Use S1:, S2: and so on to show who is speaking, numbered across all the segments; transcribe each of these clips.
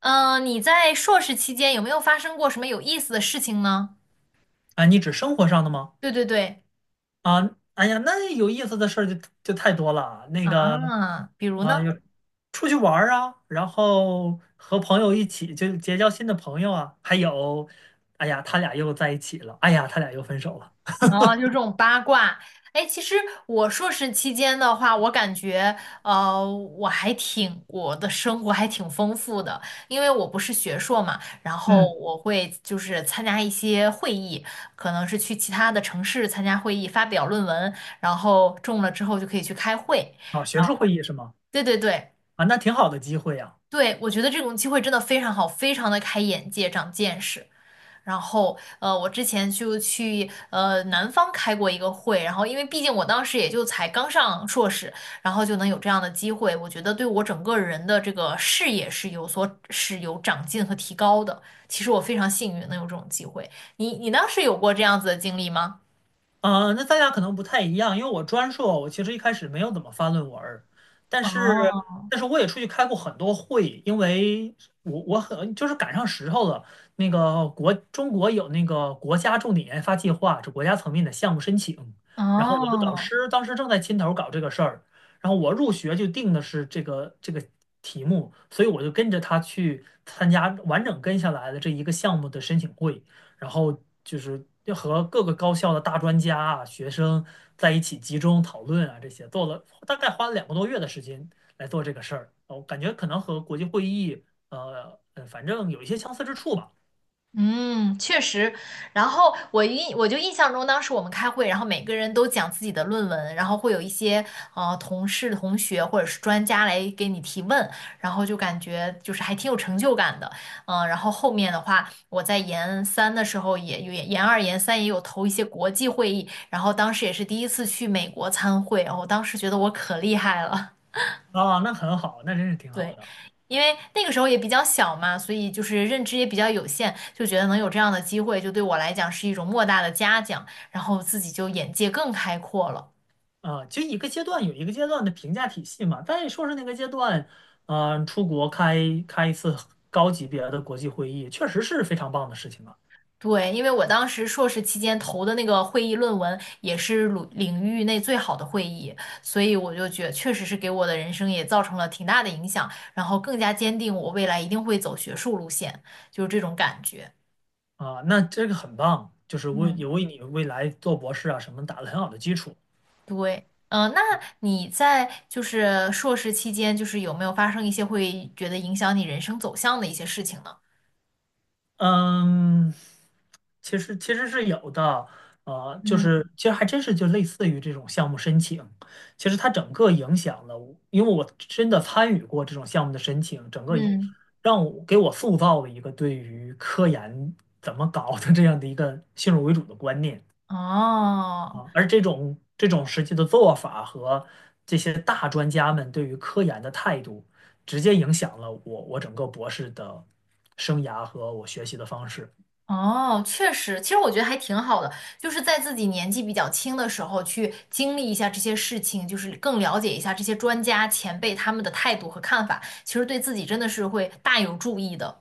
S1: 你在硕士期间有没有发生过什么有意思的事情呢？
S2: 啊，你指生活上的吗？
S1: 对对对，
S2: 啊，哎呀，那有意思的事儿就太多了。那个，
S1: 啊，比如
S2: 啊，
S1: 呢？
S2: 有出去玩儿啊，然后和朋友一起就结交新的朋友啊，还有，哎呀，他俩又在一起了，哎呀，他俩又分手了。
S1: 啊，就是这种八卦。哎，其实我硕士期间的话，我感觉，我的生活还挺丰富的，因为我不是学硕嘛，然后
S2: 嗯，
S1: 我会参加一些会议，可能是去其他的城市参加会议，发表论文，然后中了之后就可以去开会，
S2: 啊，学
S1: 然
S2: 术
S1: 后
S2: 会议是吗？
S1: 对对对，
S2: 啊，那挺好的机会呀。
S1: 对，我觉得这种机会真的非常好，非常的开眼界，长见识。然后，我之前就去南方开过一个会，然后因为毕竟我当时也就才刚上硕士，然后就能有这样的机会，我觉得对我整个人的这个视野是有所是有长进和提高的。其实我非常幸运能有这种机会。你当时有过这样子的经历吗？
S2: 啊，那大家可能不太一样，因为我专硕，我其实一开始没有怎么发论文儿但是，
S1: 哦
S2: 但是我也出去开过很多会，因为我很就是赶上时候了。那个中国有那个国家重点研发计划，是国家层面的项目申请，然后我的导
S1: 哦，
S2: 师当时正在牵头搞这个事儿，然后我入学就定的是这个题目，所以我就跟着他去参加完整跟下来的这一个项目的申请会。然后就是要和各个高校的大专家啊、学生在一起集中讨论啊，这些做了大概花了2个多月的时间来做这个事儿。我感觉可能和国际会议，呃，反正有一些相似之处吧。
S1: 嗯，确实。然后我印我就印象中，当时我们开会，然后每个人都讲自己的论文，然后会有一些同事、同学或者是专家来给你提问，然后就感觉就是还挺有成就感的。嗯，然后后面的话，我在研三的时候也有研二、研三也有投一些国际会议，然后当时也是第一次去美国参会，然后当时觉得我可厉害了。
S2: 啊，那很好，那真是挺好
S1: 对，
S2: 的
S1: 因为那个时候也比较小嘛，所以就是认知也比较有限，就觉得能有这样的机会，就对我来讲是一种莫大的嘉奖，然后自己就眼界更开阔了。
S2: 啊。其实一个阶段有一个阶段的评价体系嘛，但在硕士那个阶段，嗯、出国开一次高级别的国际会议，确实是非常棒的事情啊。
S1: 对，因为我当时硕士期间投的那个会议论文也是领域内最好的会议，所以我就觉得确实是给我的人生也造成了挺大的影响，然后更加坚定我未来一定会走学术路线，就是这种感觉。
S2: 啊，那这个很棒，就是为
S1: 嗯。
S2: 也为你未来做博士啊什么打了很好的基础。
S1: 对，那你在就是硕士期间，就是有没有发生一些会觉得影响你人生走向的一些事情呢？
S2: 嗯，其实是有的，呃，就是
S1: 嗯
S2: 其实还真是就类似于这种项目申请，其实它整个影响了我因为我真的参与过这种项目的申请，整个一
S1: 嗯
S2: 让我给我塑造了一个对于科研怎么搞的这样的一个先入为主的观念。
S1: 哦
S2: 啊，而这种实际的做法和这些大专家们对于科研的态度，直接影响了我整个博士的生涯和我学习的方式。
S1: 哦，确实，其实我觉得还挺好的，就是在自己年纪比较轻的时候去经历一下这些事情，就是更了解一下这些专家前辈他们的态度和看法，其实对自己真的是会大有注意的。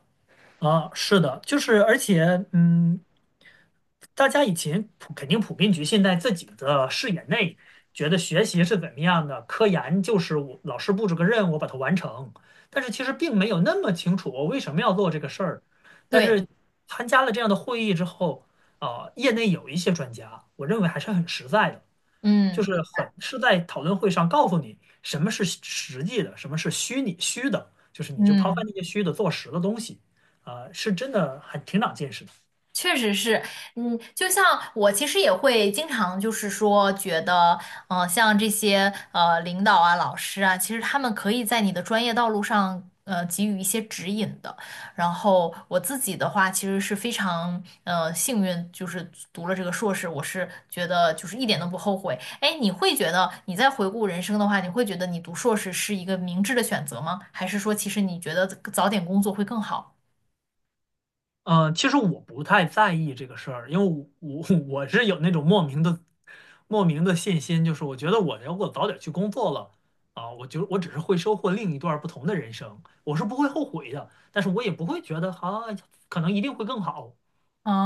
S2: 啊，是的，就是而且嗯。大家以前普肯定普遍局限在自己的视野内，觉得学习是怎么样的，科研就是我老师布置个任务，我把它完成。但是其实并没有那么清楚我为什么要做这个事儿。但
S1: 对，
S2: 是参加了这样的会议之后，啊、业内有一些专家，我认为还是很实在的，就是
S1: 嗯
S2: 很是在讨论会上告诉你什么是实际的，什么是虚的，就是你就抛开
S1: 嗯。
S2: 那些虚的，做实的东西，啊、是真的很挺长见识的。
S1: 确实是，嗯，就像我其实也会经常就是说觉得，像这些领导啊、老师啊，其实他们可以在你的专业道路上给予一些指引的。然后我自己的话，其实是非常幸运，就是读了这个硕士，我是觉得就是一点都不后悔。哎，你会觉得你在回顾人生的话，你会觉得你读硕士是一个明智的选择吗？还是说其实你觉得早点工作会更好？
S2: 嗯、呃，其实我不太在意这个事儿，因为我是有那种莫名的、莫名的信心，就是我觉得我如果早点去工作了啊，我只是会收获另一段不同的人生，我是不会后悔的，但是我也不会觉得啊，可能一定会更好，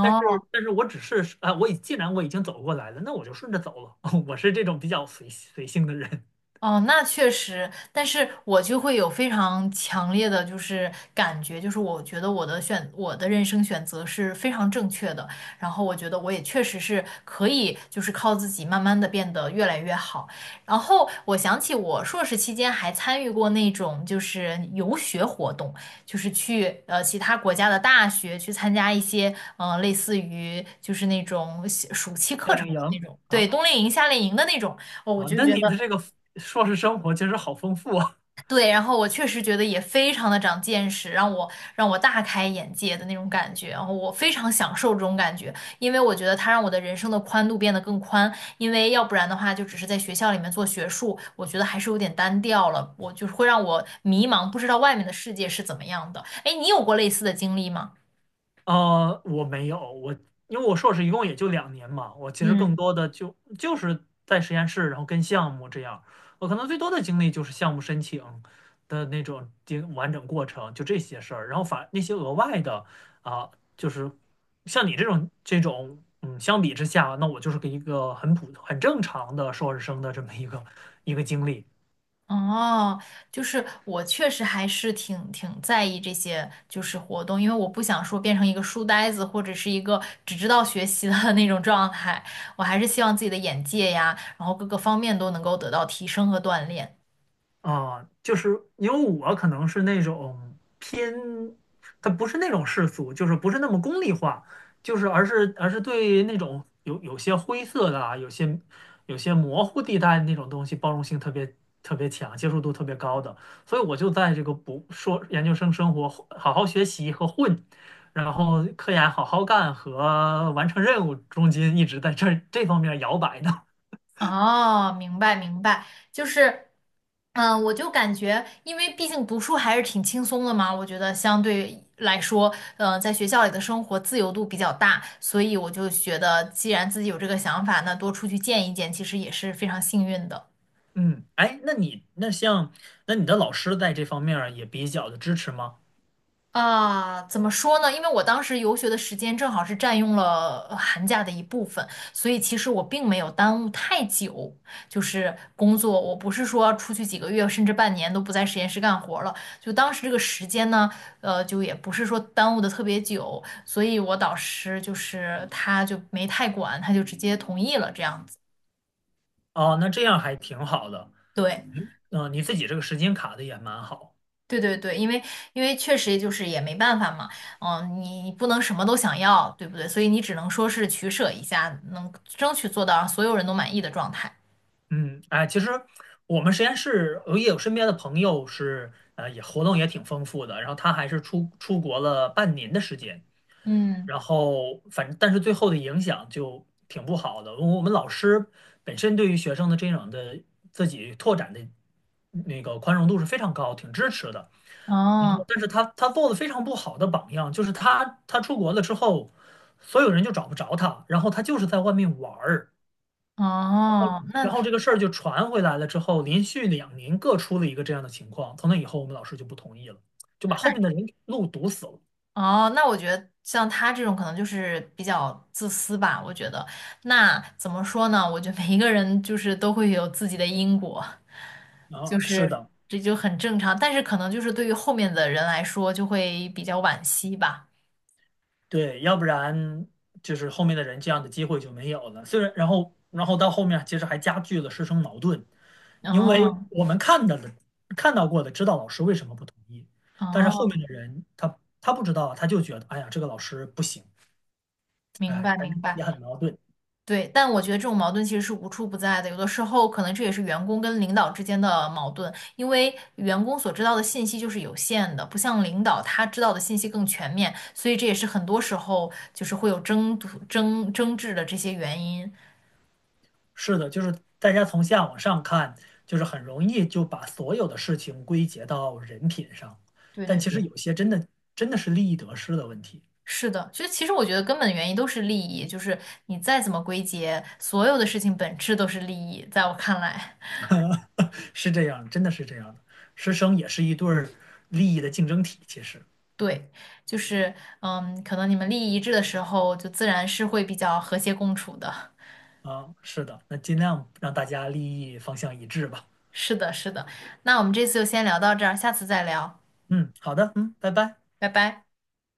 S2: 但是我只是啊，既然我已经走过来了，那我就顺着走了，我是这种比较随性的人。
S1: 哦，那确实，但是我就会有非常强烈的就是感觉，就是我觉得我的人生选择是非常正确的，然后我觉得我也确实是可以，就是靠自己慢慢的变得越来越好。然后我想起我硕士期间还参与过那种就是游学活动，就是去其他国家的大学去参加一些类似于就是那种暑期
S2: 夏
S1: 课程
S2: 令
S1: 的那
S2: 营
S1: 种，对，
S2: 啊
S1: 冬令营、夏令营的那种。哦，我
S2: 啊，
S1: 就
S2: 那
S1: 觉
S2: 你的
S1: 得
S2: 这个硕士生活其实好丰富啊。
S1: 对，然后我确实觉得也非常的长见识，让我大开眼界的那种感觉，然后我非常享受这种感觉，因为我觉得它让我的人生的宽度变得更宽，因为要不然的话就只是在学校里面做学术，我觉得还是有点单调了，我就是会让我迷茫，不知道外面的世界是怎么样的。哎，你有过类似的经历吗？
S2: 呃，我没有，我因为我硕士一共也就两年嘛，我其实更
S1: 嗯。
S2: 多的就是在实验室，然后跟项目这样，我可能最多的经历就是项目申请的那种经完整过程，就这些事儿，然后反那些额外的啊，就是像你这种，嗯，相比之下，那我就是个一个很普很正常的硕士生的这么一个经历。
S1: 哦，就是我确实还是挺在意这些就是活动，因为我不想说变成一个书呆子或者是一个只知道学习的 那种状态，我还是希望自己的眼界呀，然后各个方面都能够得到提升和锻炼。
S2: 啊，就是因为我可能是那种偏，它不是那种世俗，就是不是那么功利化，就是而是对那种有些灰色的啊，有些模糊地带那种东西，包容性特别特别强，接受度特别高的，所以我就在这个不说研究生生活好好学习和混，然后科研好好干和完成任务中间一直在这方面摇摆呢。
S1: 哦，明白明白，就是，嗯，我就感觉，因为毕竟读书还是挺轻松的嘛，我觉得相对来说，在学校里的生活自由度比较大，所以我就觉得，既然自己有这个想法，那多出去见一见，其实也是非常幸运的。
S2: 嗯，哎，那你那像那你的老师在这方面儿也比较的支持吗？
S1: 啊，怎么说呢？因为我当时游学的时间正好是占用了寒假的一部分，所以其实我并没有耽误太久，就是工作，我不是说出去几个月甚至半年都不在实验室干活了，就当时这个时间呢，就也不是说耽误的特别久，所以我导师就是他就没太管，他就直接同意了这样子。
S2: 哦，那这样还挺好的。
S1: 对。
S2: 嗯、你自己这个时间卡的也蛮好。
S1: 对对对，因为确实就是也没办法嘛，嗯，你不能什么都想要，对不对？所以你只能说是取舍一下，能争取做到让所有人都满意的状态。
S2: 嗯，哎，其实我们实验室我也有身边的朋友是呃也活动也挺丰富的，然后他还是出国了半年的时间，
S1: 嗯，
S2: 然后反正但是最后的影响就挺不好的。我们老师本身对于学生的这种的自己拓展的那个宽容度是非常高，挺支持的。然后，
S1: 哦
S2: 但是他做的非常不好的榜样，就是他出国了之后，所有人就找不着他，然后他就是在外面玩儿，
S1: 哦，那
S2: 然后 这个事儿就传回来了之后，连续两年各出了一个这样的情况，从那以后我们老师就不同意了，就把后
S1: 嗨
S2: 面的人路堵死了。
S1: 哦，那我觉得像他这种可能就是比较自私吧，我觉得。那怎么说呢？我觉得每一个人就是都会有自己的因果，就
S2: 啊，是
S1: 是
S2: 的。
S1: 这就很正常，但是可能就是对于后面的人来说就会比较惋惜吧。
S2: 对，要不然就是后面的人这样的机会就没有了。虽然，然后，到后面其实还加剧了师生矛盾，因为
S1: 哦
S2: 我们看到了、看到过的，知道老师为什么不同意，但是后
S1: 哦，
S2: 面的人他不知道，他就觉得，哎呀，这个老师不行，
S1: 明
S2: 哎，
S1: 白，
S2: 反
S1: 明
S2: 正
S1: 白，
S2: 也很矛盾。
S1: 对，但我觉得这种矛盾其实是无处不在的，有的时候可能这也是员工跟领导之间的矛盾，因为员工所知道的信息就是有限的，不像领导他知道的信息更全面，所以这也是很多时候就是会有争夺争争执的这些原因。
S2: 是的，就是大家从下往上看，就是很容易就把所有的事情归结到人品上，
S1: 对
S2: 但
S1: 对
S2: 其实
S1: 对，
S2: 有些真的真的是利益得失的问题。
S1: 是的，所以其实我觉得根本原因都是利益，就是你再怎么归结，所有的事情本质都是利益，在我看来。
S2: 是这样，真的是这样的。师生也是一对儿利益的竞争体，其实
S1: 对，就是，嗯，可能你们利益一致的时候，就自然是会比较和谐共处的。
S2: 啊，是的，那尽量让大家利益方向一致吧。
S1: 是的，是的。那我们这次就先聊到这儿，下次再聊，
S2: 嗯，好的，嗯，拜拜。
S1: 拜拜。